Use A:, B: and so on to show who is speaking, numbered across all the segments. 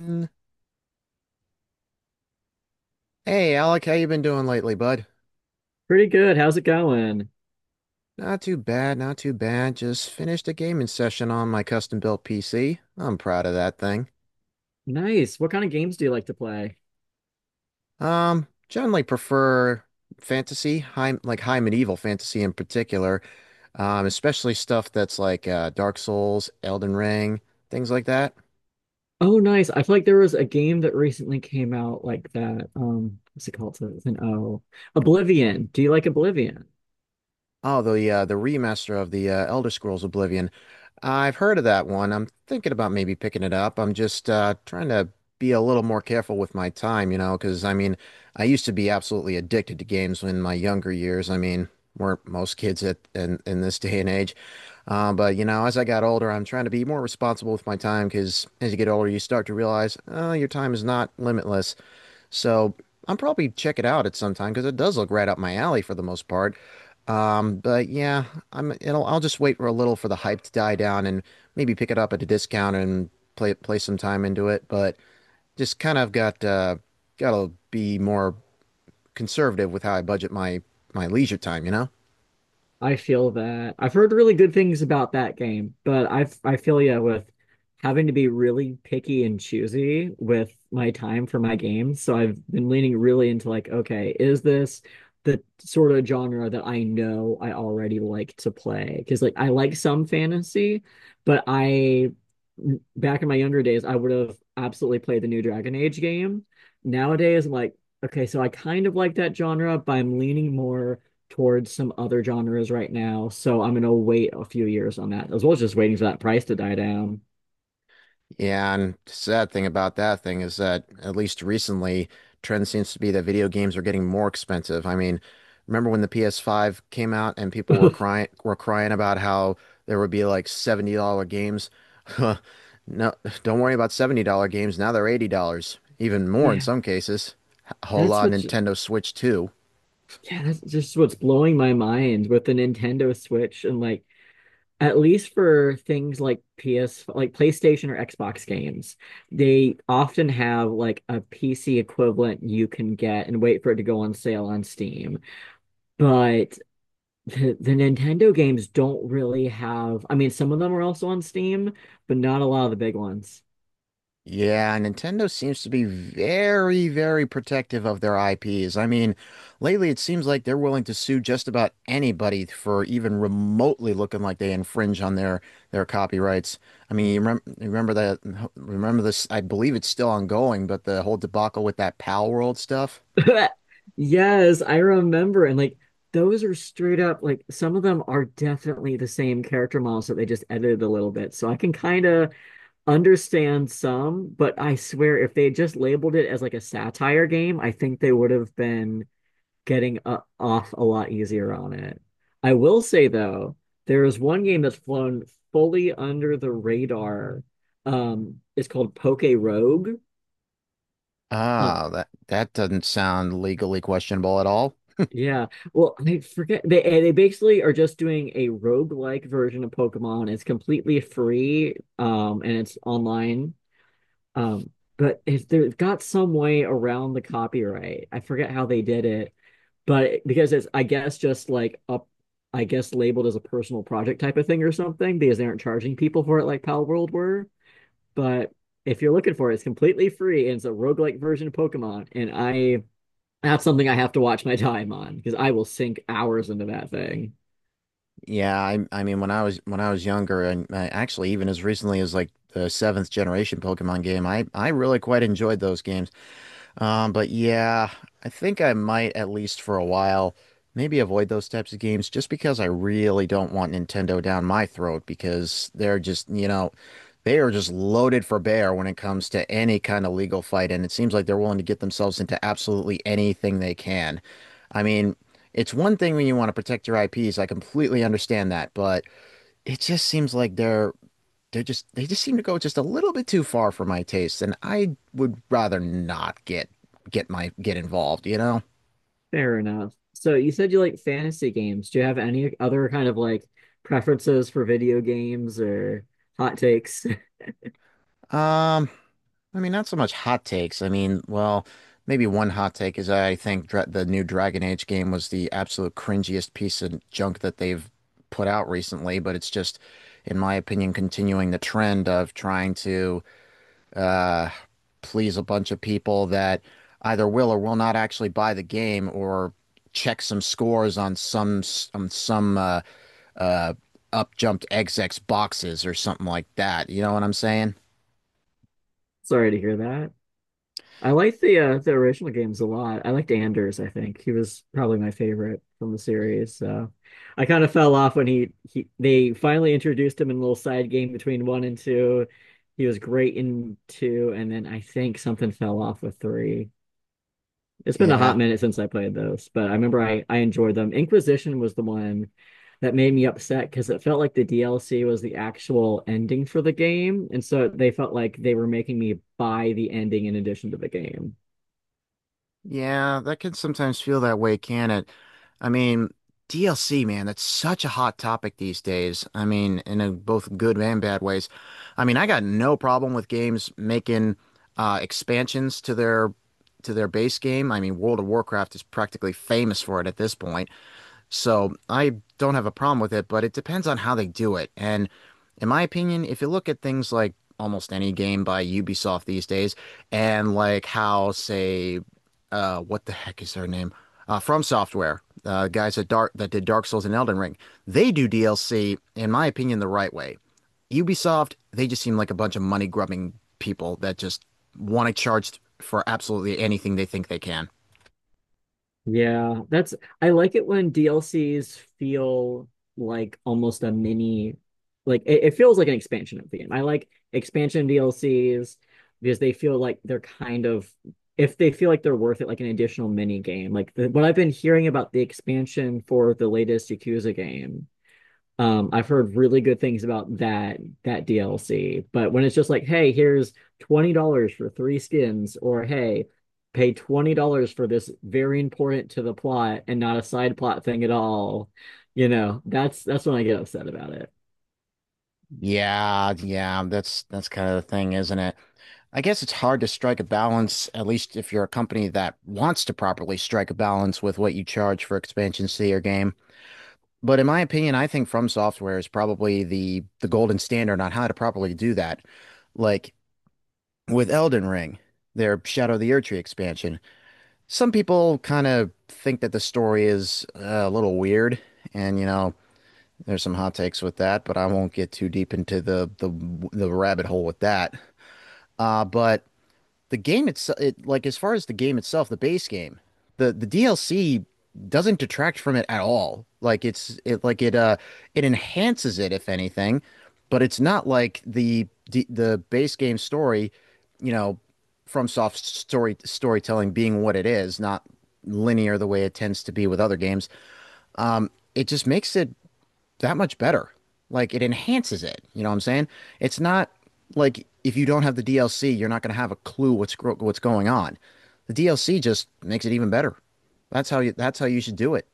A: Mm, Hey Alec, how you been doing lately, bud?
B: Pretty good. How's it going?
A: Not too bad, not too bad. Just finished a gaming session on my custom-built PC. I'm proud of that thing.
B: Nice. What kind of games do you like to play?
A: Generally prefer fantasy, high like high medieval fantasy in particular, especially stuff that's like Dark Souls, Elden Ring, things like that.
B: Oh, nice. I feel like there was a game that recently came out like that. What's it called? So it's an O. Oblivion. Do you like Oblivion?
A: Oh, the remaster of the Elder Scrolls Oblivion. I've heard of that one. I'm thinking about maybe picking it up. I'm just trying to be a little more careful with my time, you know, because I mean, I used to be absolutely addicted to games in my younger years. I mean, weren't most kids in this day and age. But you know, as I got older, I'm trying to be more responsible with my time because as you get older, you start to realize, oh, your time is not limitless. So I'm probably check it out at some time because it does look right up my alley for the most part. But yeah, I'll just wait for a little for the hype to die down and maybe pick it up at a discount and play some time into it. But just kind of got gotta be more conservative with how I budget my leisure time, you know?
B: I feel that. I've heard really good things about that game, but I feel, yeah, with having to be really picky and choosy with my time for my games. So I've been leaning really into, like, okay, is this the sort of genre that I know I already like to play? Because, like, I like some fantasy, but I, back in my younger days I would have absolutely played the new Dragon Age game. Nowadays, I'm like, okay, so I kind of like that genre, but I'm leaning more towards some other genres right now, so I'm gonna wait a few years on that, as well as just waiting for that price to die down.
A: Yeah, and the sad thing about that thing is that at least recently, trend seems to be that video games are getting more expensive. I mean, remember when the PS5 came out and people were crying about how there would be like $70 games? No, don't worry about $70 games. Now they're $80, even more in
B: Yeah,
A: some cases.
B: that's
A: Hola,
B: what's,
A: Nintendo Switch 2.
B: yeah, that's just what's blowing my mind with the Nintendo Switch. And, like, at least for things like PS, like PlayStation or Xbox games, they often have like a PC equivalent you can get and wait for it to go on sale on Steam. But the Nintendo games don't really have, I mean, some of them are also on Steam, but not a lot of the big ones.
A: Yeah, Nintendo seems to be very, very protective of their IPs. I mean, lately it seems like they're willing to sue just about anybody for even remotely looking like they infringe on their copyrights. I mean, you
B: Mm.
A: remember, remember that, remember this, I believe it's still ongoing, but the whole debacle with that Pal World stuff.
B: Yes, I remember. And, like, those are straight up, like, some of them are definitely the same character models that they just edited a little bit. So I can kind of understand some, but I swear if they had just labeled it as like a satire game, I think they would have been getting off a lot easier on it. I will say though, there is one game that's flown fully under the radar. It's called Poke Rogue. Uh,
A: Ah, that doesn't sound legally questionable at all.
B: yeah. Well, I forget, they basically are just doing a roguelike version of Pokemon. It's completely free, and it's online. Um, but if they've got some way around the copyright, I forget how they did it, but because it's, I guess, just like up, I guess, labeled as a personal project type of thing or something, because they aren't charging people for it like Pal World were. But if you're looking for it, it's completely free and it's a roguelike version of Pokemon. And I, that's something I have to watch my time on because I will sink hours into that thing.
A: Yeah, I mean when I was younger and actually even as recently as like the seventh generation Pokemon game, I really quite enjoyed those games. But yeah, I think I might at least for a while maybe avoid those types of games just because I really don't want Nintendo down my throat because they're just, you know, they are just loaded for bear when it comes to any kind of legal fight, and it seems like they're willing to get themselves into absolutely anything they can. I mean, it's one thing when you want to protect your IPs, I completely understand that, but it just seems like they just seem to go just a little bit too far for my taste, and I would rather not get involved, you know?
B: Fair enough. So you said you like fantasy games. Do you have any other kind of, like, preferences for video games or hot takes?
A: Um, I mean, not so much hot takes. I mean, well, maybe one hot take is I think dra the new Dragon Age game was the absolute cringiest piece of junk that they've put out recently, but it's just, in my opinion, continuing the trend of trying to uh, please a bunch of people that either will or will not actually buy the game or check some scores on some uh, up jumped XX boxes or something like that. You know what I'm saying?
B: Sorry to hear that. I like the original games a lot. I liked Anders, I think. He was probably my favorite from the series. So I kind of fell off when he they finally introduced him in a little side game between one and two. He was great in two, and then I think something fell off with three. It's been a
A: Yeah.
B: hot minute since I played those, but I remember I enjoyed them. Inquisition was the one that made me upset because it felt like the DLC was the actual ending for the game. And so they felt like they were making me buy the ending in addition to the game.
A: Yeah, that can sometimes feel that way, can it? I mean, DLC, man, that's such a hot topic these days. I mean, in a, both good and bad ways. I mean, I got no problem with games making expansions to their base game. I mean, World of Warcraft is practically famous for it at this point. So I don't have a problem with it, but it depends on how they do it. And in my opinion, if you look at things like almost any game by Ubisoft these days, and like how, say, what the heck is their name? From Software, guys that did Dark Souls and Elden Ring, they do DLC, in my opinion, the right way. Ubisoft, they just seem like a bunch of money grubbing people that just want to charge for absolutely anything they think they can.
B: Yeah, that's, I like it when DLCs feel like almost a mini, like, it feels like an expansion of the game. I like expansion DLCs because they feel like they're kind of, if they feel like they're worth it, like an additional mini game. Like the, what I've been hearing about the expansion for the latest Yakuza game, I've heard really good things about that DLC, but when it's just like, hey, here's $20 for three skins, or hey, pay $20 for this very important to the plot and not a side plot thing at all, you know, that's when I get upset about it.
A: Yeah, yeah, that's kind of the thing, isn't it? I guess it's hard to strike a balance, at least if you're a company that wants to properly strike a balance with what you charge for expansions to your game. But in my opinion, I think From Software is probably the golden standard on how to properly do that. Like with Elden Ring, their Shadow of the Erdtree expansion. Some people kind of think that the story is a little weird, and you know, there's some hot takes with that, but I won't get too deep into the rabbit hole with that. But the game itself, it, like as far as the game itself, the base game, the DLC doesn't detract from it at all. Like it enhances it if anything, but it's not like the base game story, you know, from soft storytelling being what it is, not linear the way it tends to be with other games. It just makes it that much better. Like it enhances it. You know what I'm saying? It's not like if you don't have the DLC, you're not going to have a clue what's going on. The DLC just makes it even better. That's how you should do it.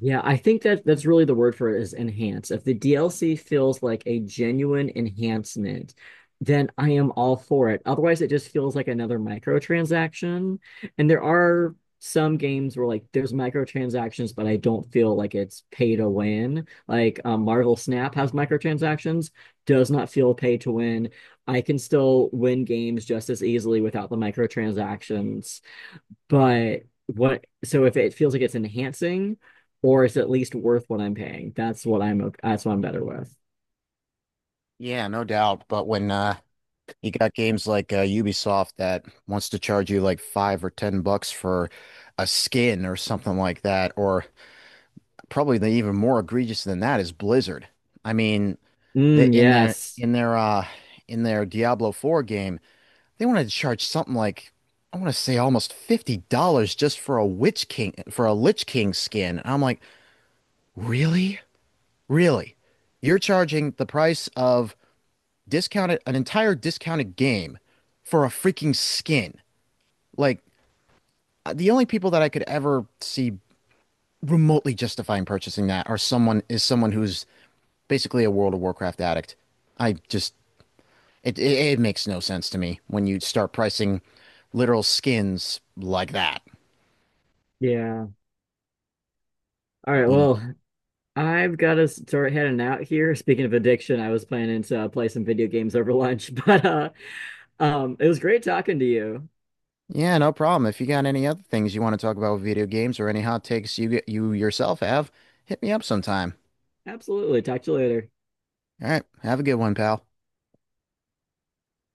B: Yeah, I think that that's really the word for it is enhance. If the DLC feels like a genuine enhancement, then I am all for it. Otherwise, it just feels like another microtransaction. And there are some games where, like, there's microtransactions, but I don't feel like it's pay to win. Like, Marvel Snap has microtransactions, does not feel pay to win. I can still win games just as easily without the microtransactions. But what, so if it feels like it's enhancing or it's at least worth what I'm paying, that's what I'm, that's what I'm better with.
A: Yeah, no doubt. But when you got games like Ubisoft that wants to charge you like $5 or $10 for a skin or something like that, or probably the even more egregious than that is Blizzard. I mean,
B: Mm,
A: in their
B: yes.
A: in their Diablo 4 game, they wanted to charge something like I want to say almost $50 just for a Lich King skin. And I'm like, really? Really? You're charging the price of discounted an entire discounted game for a freaking skin. Like, the only people that I could ever see remotely justifying purchasing that are someone is someone who's basically a World of Warcraft addict. I just it makes no sense to me when you start pricing literal skins like that.
B: Yeah. All right. Well, I've got to start heading out here. Speaking of addiction, I was planning to play some video games over lunch, but it was great talking to you.
A: Yeah, no problem. If you got any other things you want to talk about with video games or any hot takes you yourself have, hit me up sometime.
B: Absolutely. Talk to you later.
A: All right, have a good one, pal.